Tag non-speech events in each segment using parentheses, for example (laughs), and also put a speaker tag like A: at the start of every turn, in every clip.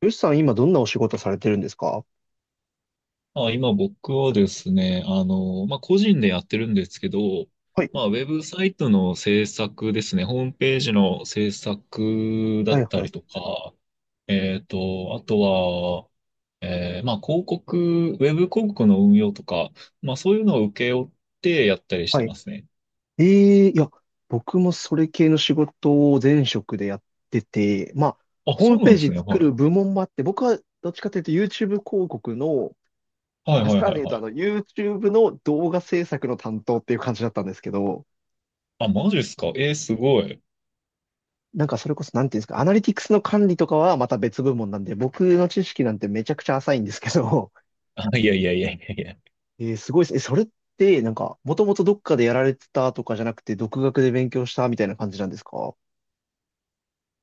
A: よしさん、今どんなお仕事されてるんですか？
B: あ、今僕はですね、まあ、個人でやってるんですけど、
A: はい、
B: まあ、ウェブサイトの制作ですね、ホームページの制作だ
A: はい、
B: った
A: はい、
B: りとか、あとは、まあ、広告、ウェブ広告の運用とか、まあ、そういうのを請け負ってやったりし
A: は
B: てま
A: い。
B: すね。
A: ええ、いや、僕もそれ系の仕事を前職でやってて、まあ、
B: あ、
A: ホー
B: そう
A: ム
B: な
A: ペー
B: んで
A: ジ
B: すね。は
A: 作る
B: い。
A: 部門もあって、僕はどっちかというと YouTube 広告の、
B: はい
A: まあ、
B: は
A: さ
B: い
A: ら
B: は
A: に
B: い
A: 言うと
B: はい。
A: YouTube の動画制作の担当っていう感じだったんですけど、
B: あ、マジっすか。えーすごい。
A: それこそ、なんていうんですか、アナリティクスの管理とかはまた別部門なんで、僕の知識なんてめちゃくちゃ浅いんですけど、
B: あ、いやいやいやいやいや。
A: えーすごいですね。え、それって、なんか、もともとどっかでやられてたとかじゃなくて、独学で勉強したみたいな感じなんですか？は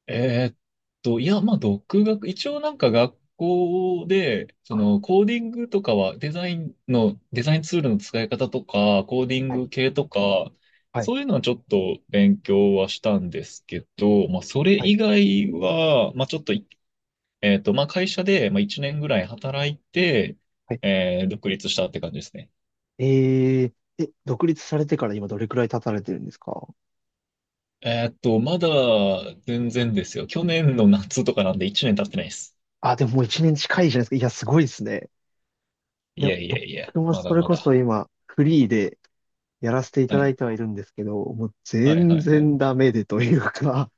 B: えーっいや、まあ、独学、一応なんか学校で、コーディングとかは、デザインツールの使い方とか、コーディン
A: い
B: グ系とか、
A: はい
B: そういうのはちょっと勉強はしたんですけど、まあ、それ
A: はい
B: 以外は、まあ、ちょっとい、まあ、会社で、まあ、1年ぐらい働いて、
A: はい。
B: 独立したって感じですね。
A: えー、え、独立されてから今どれくらい経たれてるんですか？
B: まだ、全然ですよ。去年の夏とかなんで1年経ってないです。
A: あ、でももう一年近いじゃないですか。いや、すごいですね。い
B: い
A: や、
B: やいや
A: 僕
B: いや、
A: も
B: ま
A: そ
B: だ
A: れ
B: ま
A: こそ
B: だ。
A: 今、フリーでやらせていた
B: は
A: だい
B: い
A: てはいるんですけど、もう
B: はいは
A: 全
B: いはい。
A: 然ダメでというか、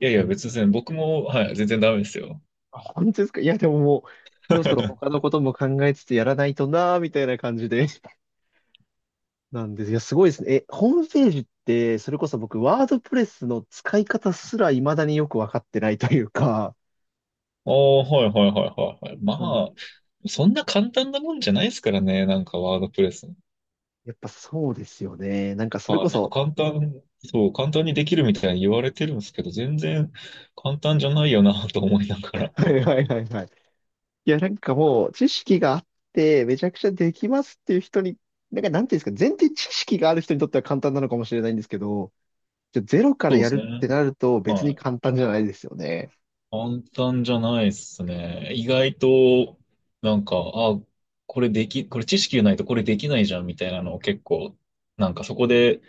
B: いやい
A: (laughs) う
B: や、
A: ん。
B: 別に全然僕も、はい、全然ダメですよ。
A: あ、本当ですか？いや、でももう、そろそろ他
B: (laughs)
A: のことも考えつつやらないとなーみたいな感じで。なんです。いや、すごいですね。え、ホームページって、それこそ僕、ワードプレスの使い方すら未だによくわかってないというか、
B: おー、はいはいはいはいはい。ま
A: なんで
B: あ、
A: す。
B: そんな簡単なもんじゃないですからね、なんかワードプレス。
A: やっぱそうですよね。それ
B: は
A: こ
B: い、なんか
A: そ、
B: 簡単、そう、簡単にできるみたいに言われてるんですけど、全然簡単じゃないよなと思いなが
A: (laughs)
B: ら。
A: はいはいはいはい。いや、なんかもう、知識があって、めちゃくちゃできますっていう人に、なんか、なんていうんですか、前提知識がある人にとっては簡単なのかもしれないんですけど、じゃあゼロか
B: そ
A: ら
B: うで
A: や
B: すね。
A: るってなると別
B: は
A: に
B: い。
A: 簡単じゃないですよね。
B: 簡単じゃないですね。意外と、なんか、あ、これ知識がないとこれできないじゃんみたいなのを結構、なんかそこで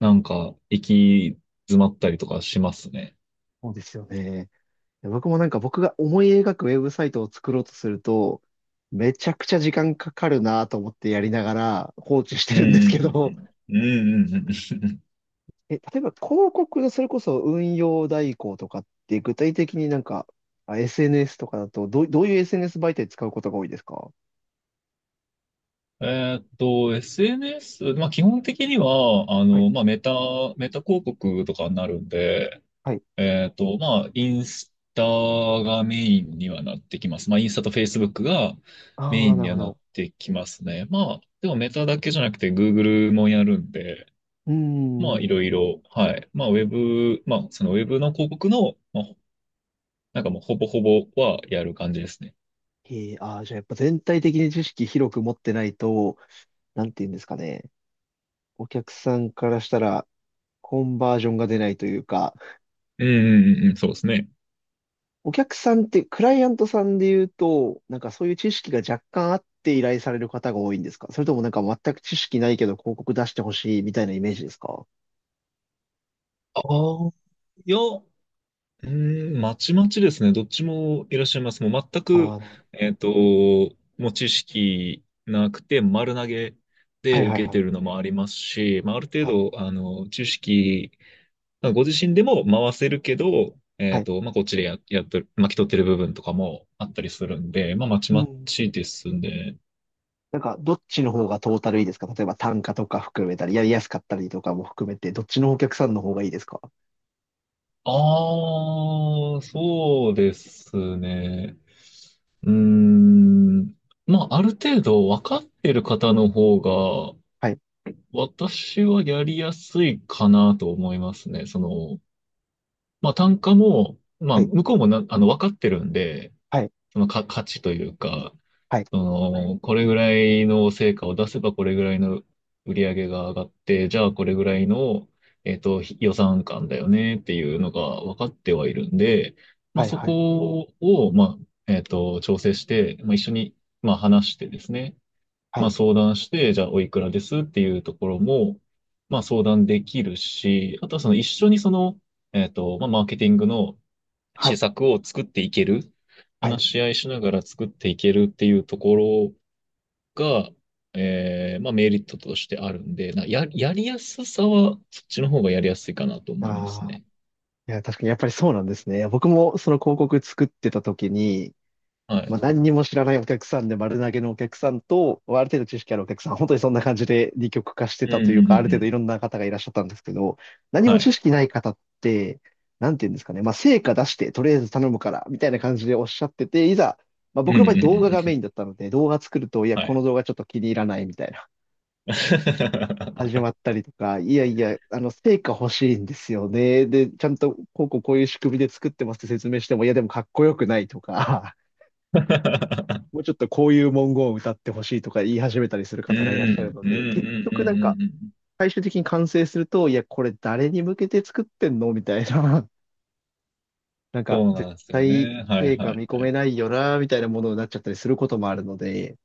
B: 行き詰まったりとかしますね。
A: そうですよね。僕もなんか僕が思い描くウェブサイトを作ろうとすると、めちゃくちゃ時間かかるなと思ってやりながら放置して
B: う
A: るんです
B: ん
A: け
B: う
A: ど、
B: んうんうん。うんうんうん。
A: (laughs) え、例えば広告のそれこそ運用代行とかって具体的になんか、あ、 SNS とかだとどういう SNS 媒体使うことが多いですか？
B: SNS、まあ基本的には、
A: はい。
B: まあメタ広告とかになるんで、
A: はい。
B: まあインスタがメインにはなってきます。まあインスタとフェイスブックがメ
A: あ
B: イ
A: あ、
B: ン
A: なる
B: には
A: ほ
B: な
A: ど。
B: ってきますね。まあ、でもメタだけじゃなくて Google もやるんで、
A: うー
B: まあ
A: ん。
B: いろいろ、はい。まあウェブ、まあそのウェブの広告の、まあ、なんかもうほぼほぼはやる感じですね。
A: ええ、ああ、じゃあやっぱ全体的に知識広く持ってないと、なんて言うんですかね。お客さんからしたらコンバージョンが出ないというか、
B: うんうんうんうん、そうですね。
A: お客さんって、クライアントさんで言うと、なんかそういう知識が若干あって依頼される方が多いんですか？それともなんか全く知識ないけど広告出してほしいみたいなイメージですか？
B: ああ、いや、うーん、まちまちですね。どっちもいらっしゃいます。もう全
A: あ
B: く、
A: あー、
B: えっと、もう知識なくて丸投げ
A: は
B: で
A: いはい
B: 受け
A: は
B: て
A: い。
B: るのもありますし、まあ、ある程
A: はい。
B: 度、知識、まあご自身でも回せるけど、
A: はい。
B: まあ、こっちでやっとる、巻き取ってる部分とかもあったりするんで、まあ、まち
A: う
B: ま
A: ん。
B: ちですね。
A: なんか、どっちの方がトータルいいですか？例えば単価とか含めたり、やりやすかったりとかも含めて、どっちのお客さんの方がいいですか？
B: ああ、そうですね。うーん。まあ、ある程度分かってる方の方が、
A: はい。
B: 私はやりやすいかなと思いますね。その、まあ、単価も、ま
A: は
B: あ、
A: い。
B: 向こうも分かってるんで、
A: はい。
B: そのか、価値というか、
A: はい。
B: その、これぐらいの成果を出せばこれぐらいの売り上げが上がって、じゃあこれぐらいの、予算感だよねっていうのが分かってはいるんで、まあ
A: はい。
B: そ
A: はい。
B: こを、まあ、調整して、まあ一緒に、まあ話してですね、
A: は
B: ま
A: い。
B: あ相談して、じゃあおいくらですっていうところも、まあ相談できるし、あとはその一緒にその、まあマーケティングの
A: は
B: 施
A: い。
B: 策を作っていける、
A: はい。
B: 話し合いしながら作っていけるっていうところが、まあメリットとしてあるんで、やりやすさは、そっちの方がやりやすいかなと思います
A: ああ。
B: ね。
A: いや、確かにやっぱりそうなんですね。僕もその広告作ってた時に、
B: は
A: まあ、
B: い。
A: 何にも知らないお客さんで丸投げのお客さんと、ある程度知識あるお客さん、本当にそんな感じで二極化して
B: う
A: たと
B: んう
A: いう
B: んう
A: か、ある
B: んう
A: 程度
B: ん。
A: いろんな方がいらっしゃったんですけど、何も
B: は
A: 知
B: い。
A: 識ない方って、なんて言うんですかね、まあ、成果出して、とりあえず頼むから、みたいな感じでおっしゃってて、いざ、まあ、
B: うん
A: 僕
B: う
A: の
B: ん
A: 場合
B: う
A: 動画
B: んう
A: がメ
B: ん。
A: インだったので、動画作ると、いや、
B: は
A: この
B: い。
A: 動画ちょっと気に入らないみたいな、始ま
B: (laughs)
A: ったりとか、いやいや、成果欲しいんですよね。で、ちゃんと、こうこうこういう仕組みで作ってますって説明しても、いや、でもかっこよくないとか、もうちょっとこういう文言を歌ってほしいとか言い始めたりする
B: う
A: 方がいらっしゃる
B: ん、
A: の
B: うんう
A: で、結
B: んうん
A: 局なんか
B: うんうん。
A: 最終的に完成すると、いや、これ誰に向けて作ってんのみたいな、(laughs) なんか
B: そうな
A: 絶
B: んですよ
A: 対
B: ね。はい
A: 成果
B: は
A: 見
B: い
A: 込
B: は
A: め
B: い。
A: ないよな、みたいなものになっちゃったりすることもあるので、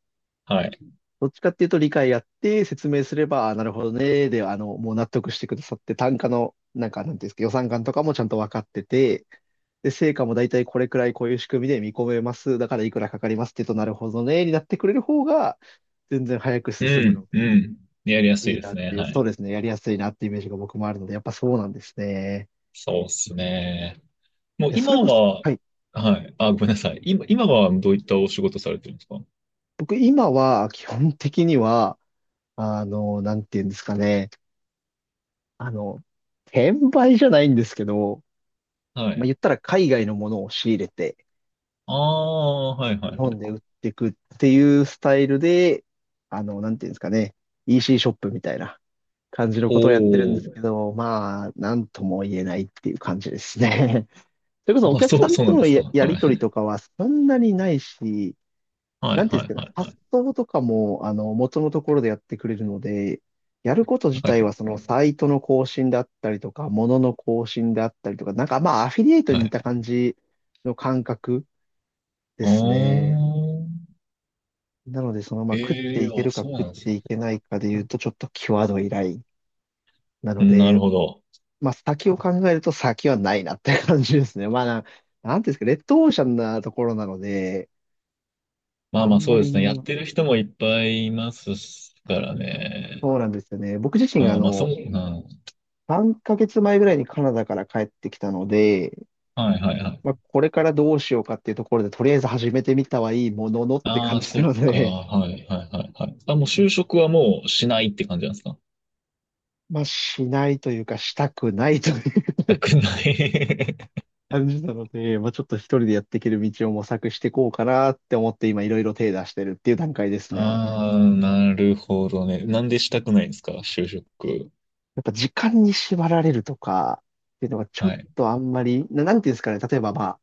B: はい。
A: どっちかっていうと理解やって説明すれば、あ、なるほどね、で、もう納得してくださって、単価の、なんか、なんていうんですか、予算感とかもちゃんと分かってて、で、成果も大体これくらいこういう仕組みで見込めます。だからいくらかかりますって言うと、なるほどね、になってくれる方が、全然早く
B: う
A: 進む
B: ん、
A: の
B: うん。やりやす
A: でい
B: い
A: い
B: で
A: なっ
B: すね。
A: ていう、
B: は
A: そう
B: い。
A: ですね、やりやすいなっていうイメージが僕もあるので、やっぱそうなんですね。
B: そうですね。もう
A: いや、そ
B: 今
A: れこそ、
B: は、
A: はい。
B: はい。あ、ごめんなさい。今はどういったお仕事されてるんですか？
A: 僕、今は、基本的には、なんていうんですかね、あの、転売じゃないんですけど、
B: は
A: まあ、
B: い。
A: 言ったら海外のものを仕入れて、
B: ああ、はいは
A: 日
B: いは
A: 本で
B: い、
A: 売っていくっていうスタイルで、なんていうんですかね、EC シーショップみたいな感じの
B: お
A: ことをやってるんですけ
B: お。
A: ど、まあ、なんとも言えないっていう感じですね。(laughs) それこそ
B: あ、
A: お客さん
B: そうな
A: と
B: んで
A: の
B: すか。
A: や
B: は
A: りとりと
B: い。
A: かはそんなにないし、
B: は
A: な
B: い、
A: んていうん
B: は
A: です
B: い、
A: かね、
B: はい、は
A: 発
B: い。
A: 送とかも、元のところでやってくれるので、やること自
B: は
A: 体
B: い、
A: はそのサイトの更新だったりとか、ものの更新であったりとか、なんかまあアフィリエイト
B: は
A: に似
B: い。
A: た感じの感覚で
B: ああ。
A: すね。なので、その、まあ、食って
B: ええ、
A: いけ
B: あ、
A: るか
B: そう
A: 食っ
B: なんです
A: て
B: ね。
A: いけないかで言うと、ちょっと際どいライン。なの
B: なる
A: で、
B: ほど。
A: まあ、先を考えると先はないなって感じですね。なんていうんですか、レッドオーシャンなところなので、
B: まあ
A: あ
B: まあ、
A: んま
B: そうで
A: り、
B: すね。やってる人もいっぱいいますからね。
A: そうなんですよね。僕自身、
B: ああ、まあ、そう、うん、は
A: 3ヶ月前ぐらいにカナダから帰ってきたので、
B: い、はい、は
A: まあ、
B: い。
A: これからどうしようかっていうところで、とりあえず始めてみたはいいもののって
B: あ
A: 感
B: あ、
A: じ
B: そっ
A: なの
B: か。
A: で、
B: はい、はい、はい、はい。あ、もう就職はもうしないって感じなんですか？し
A: まあ、しないというか、したくないという
B: たくない。
A: 感じなので、まあ、ちょっと一人でやっていける道を模索していこうかなって思って今いろいろ手出してるっていう段階で
B: (laughs)
A: すね。
B: ああ、なるほどね。なんでしたくないんですか？就職。
A: やっぱ時間に縛られるとかっていうのがちょ
B: は
A: っ
B: い、
A: とあんまり、なんていうんですかね、例えばまあ、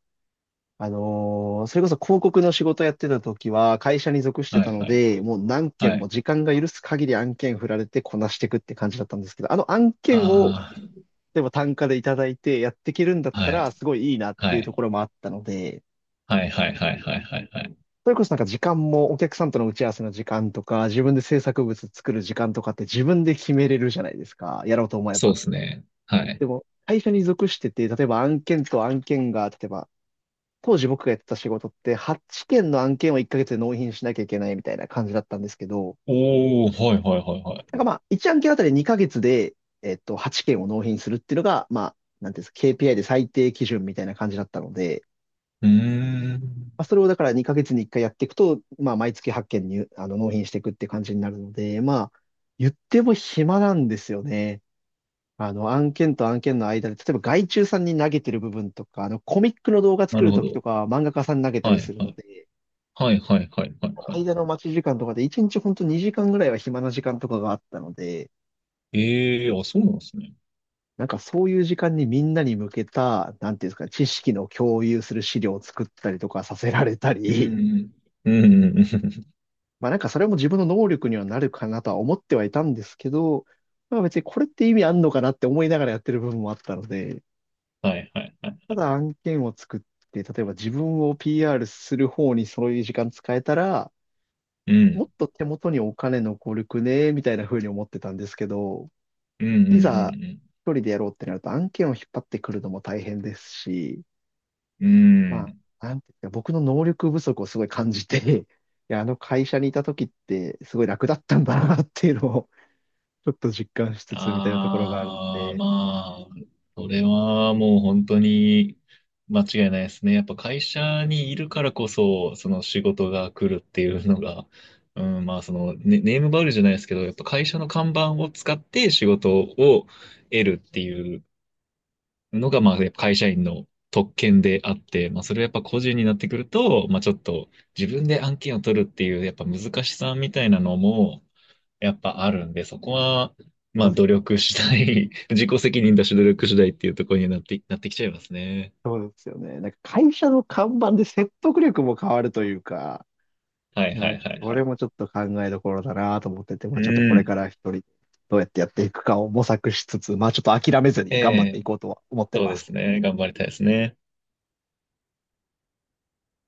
A: それこそ広告の仕事やってた時は会社に属して
B: は
A: た
B: い、
A: の
B: はい、
A: で、もう何
B: は
A: 件も
B: い。
A: 時間が許す限り案件振られてこなしていくって感じだったんですけど、あの案件を
B: ああ。
A: 例えば単価でいただいてやっていけるんだった
B: はい。
A: らすごいいいなっ
B: は
A: ていうと
B: い。
A: ころもあったので、
B: はいはいはいはいはいはい。
A: それこそなんか時間もお客さんとの打ち合わせの時間とか、自分で制作物作る時間とかって自分で決めれるじゃないですか。やろうと思え
B: そう
A: ば。
B: ですね。はい。
A: でも、会社に属してて、例えば案件と案件が、例えば、当時僕がやってた仕事って8件の案件を1ヶ月で納品しなきゃいけないみたいな感じだったんですけど、
B: おー、はいはいはいはい。
A: なんかまあ、1案件あたり2ヶ月で、8件を納品するっていうのが、まあ、なんていうんですか、KPI で最低基準みたいな感じだったので、
B: うーん。
A: まあ、それをだから2ヶ月に1回やっていくと、まあ、毎月8件に、納品していくって感じになるので、まあ、言っても暇なんですよね。案件と案件の間で、例えば外注さんに投げてる部分とか、コミックの動画
B: な
A: 作
B: る
A: る
B: ほ
A: ときと
B: ど。
A: か、漫画家さんに投げた
B: は
A: り
B: い
A: する
B: は
A: の
B: い。
A: で、
B: はいはいはいはいはい。
A: 間の待ち時間とかで1日ほんと2時間ぐらいは暇な時間とかがあったので、
B: ええー、あ、そうなんですね。
A: なんかそういう時間にみんなに向けた、なんていうんですか、知識の共有する資料を作ったりとかさせられた
B: う
A: り、
B: ん。うん。うんうんうん。
A: まあなんかそれも自分の能力にはなるかなとは思ってはいたんですけど、まあ別にこれって意味あんのかなって思いながらやってる部分もあったので、
B: はいはいはい。
A: ただ案件を作って、例えば自分を PR する方にそういう時間使えたら、
B: う
A: も
B: ん。
A: っと手元にお金残るくね、みたいな風に思ってたんですけど、
B: うんうん
A: い
B: う
A: ざ
B: ん
A: 一人でやろうってなると案件を引っ張ってくるのも大変ですし、
B: うん。う
A: ま
B: ん。
A: あ、なんていうか、僕の能力不足をすごい感じて、いや、あの会社にいた時ってすごい楽だったんだなっていうのをちょっと実感しつつみたいなところがあるの
B: ああ、
A: で、
B: まあ、それはもう本当に間違いないですね。やっぱ会社にいるからこそ、その仕事が来るっていうのが、うん、まあそのネームバリューじゃないですけど、やっぱ会社の看板を使って仕事を得るっていうのが、まあやっぱ会社員の特権であって、まあそれはやっぱ個人になってくると、まあちょっと自分で案件を取るっていう、やっぱ難しさみたいなのも、やっぱあるんで、そこは、ま
A: そ
B: あ
A: うで
B: 努
A: す。
B: 力次第、(laughs) 自己責任だし努力次第っていうところになって、きちゃいますね。
A: そうですよね。なんか会社の看板で説得力も変わるというか、
B: はい
A: いや、
B: は
A: なん
B: いは
A: か
B: い
A: そ
B: は
A: れ
B: い。
A: もちょっと考えどころだなと思ってて、ま
B: う
A: あちょっとこれ
B: ん。
A: から一人どうやってやっていくかを模索しつつ、まあちょっと諦めずに
B: え
A: 頑張ってい
B: え、
A: こうとは思って
B: そう
A: ま
B: で
A: す。
B: すね。頑張りたいですね。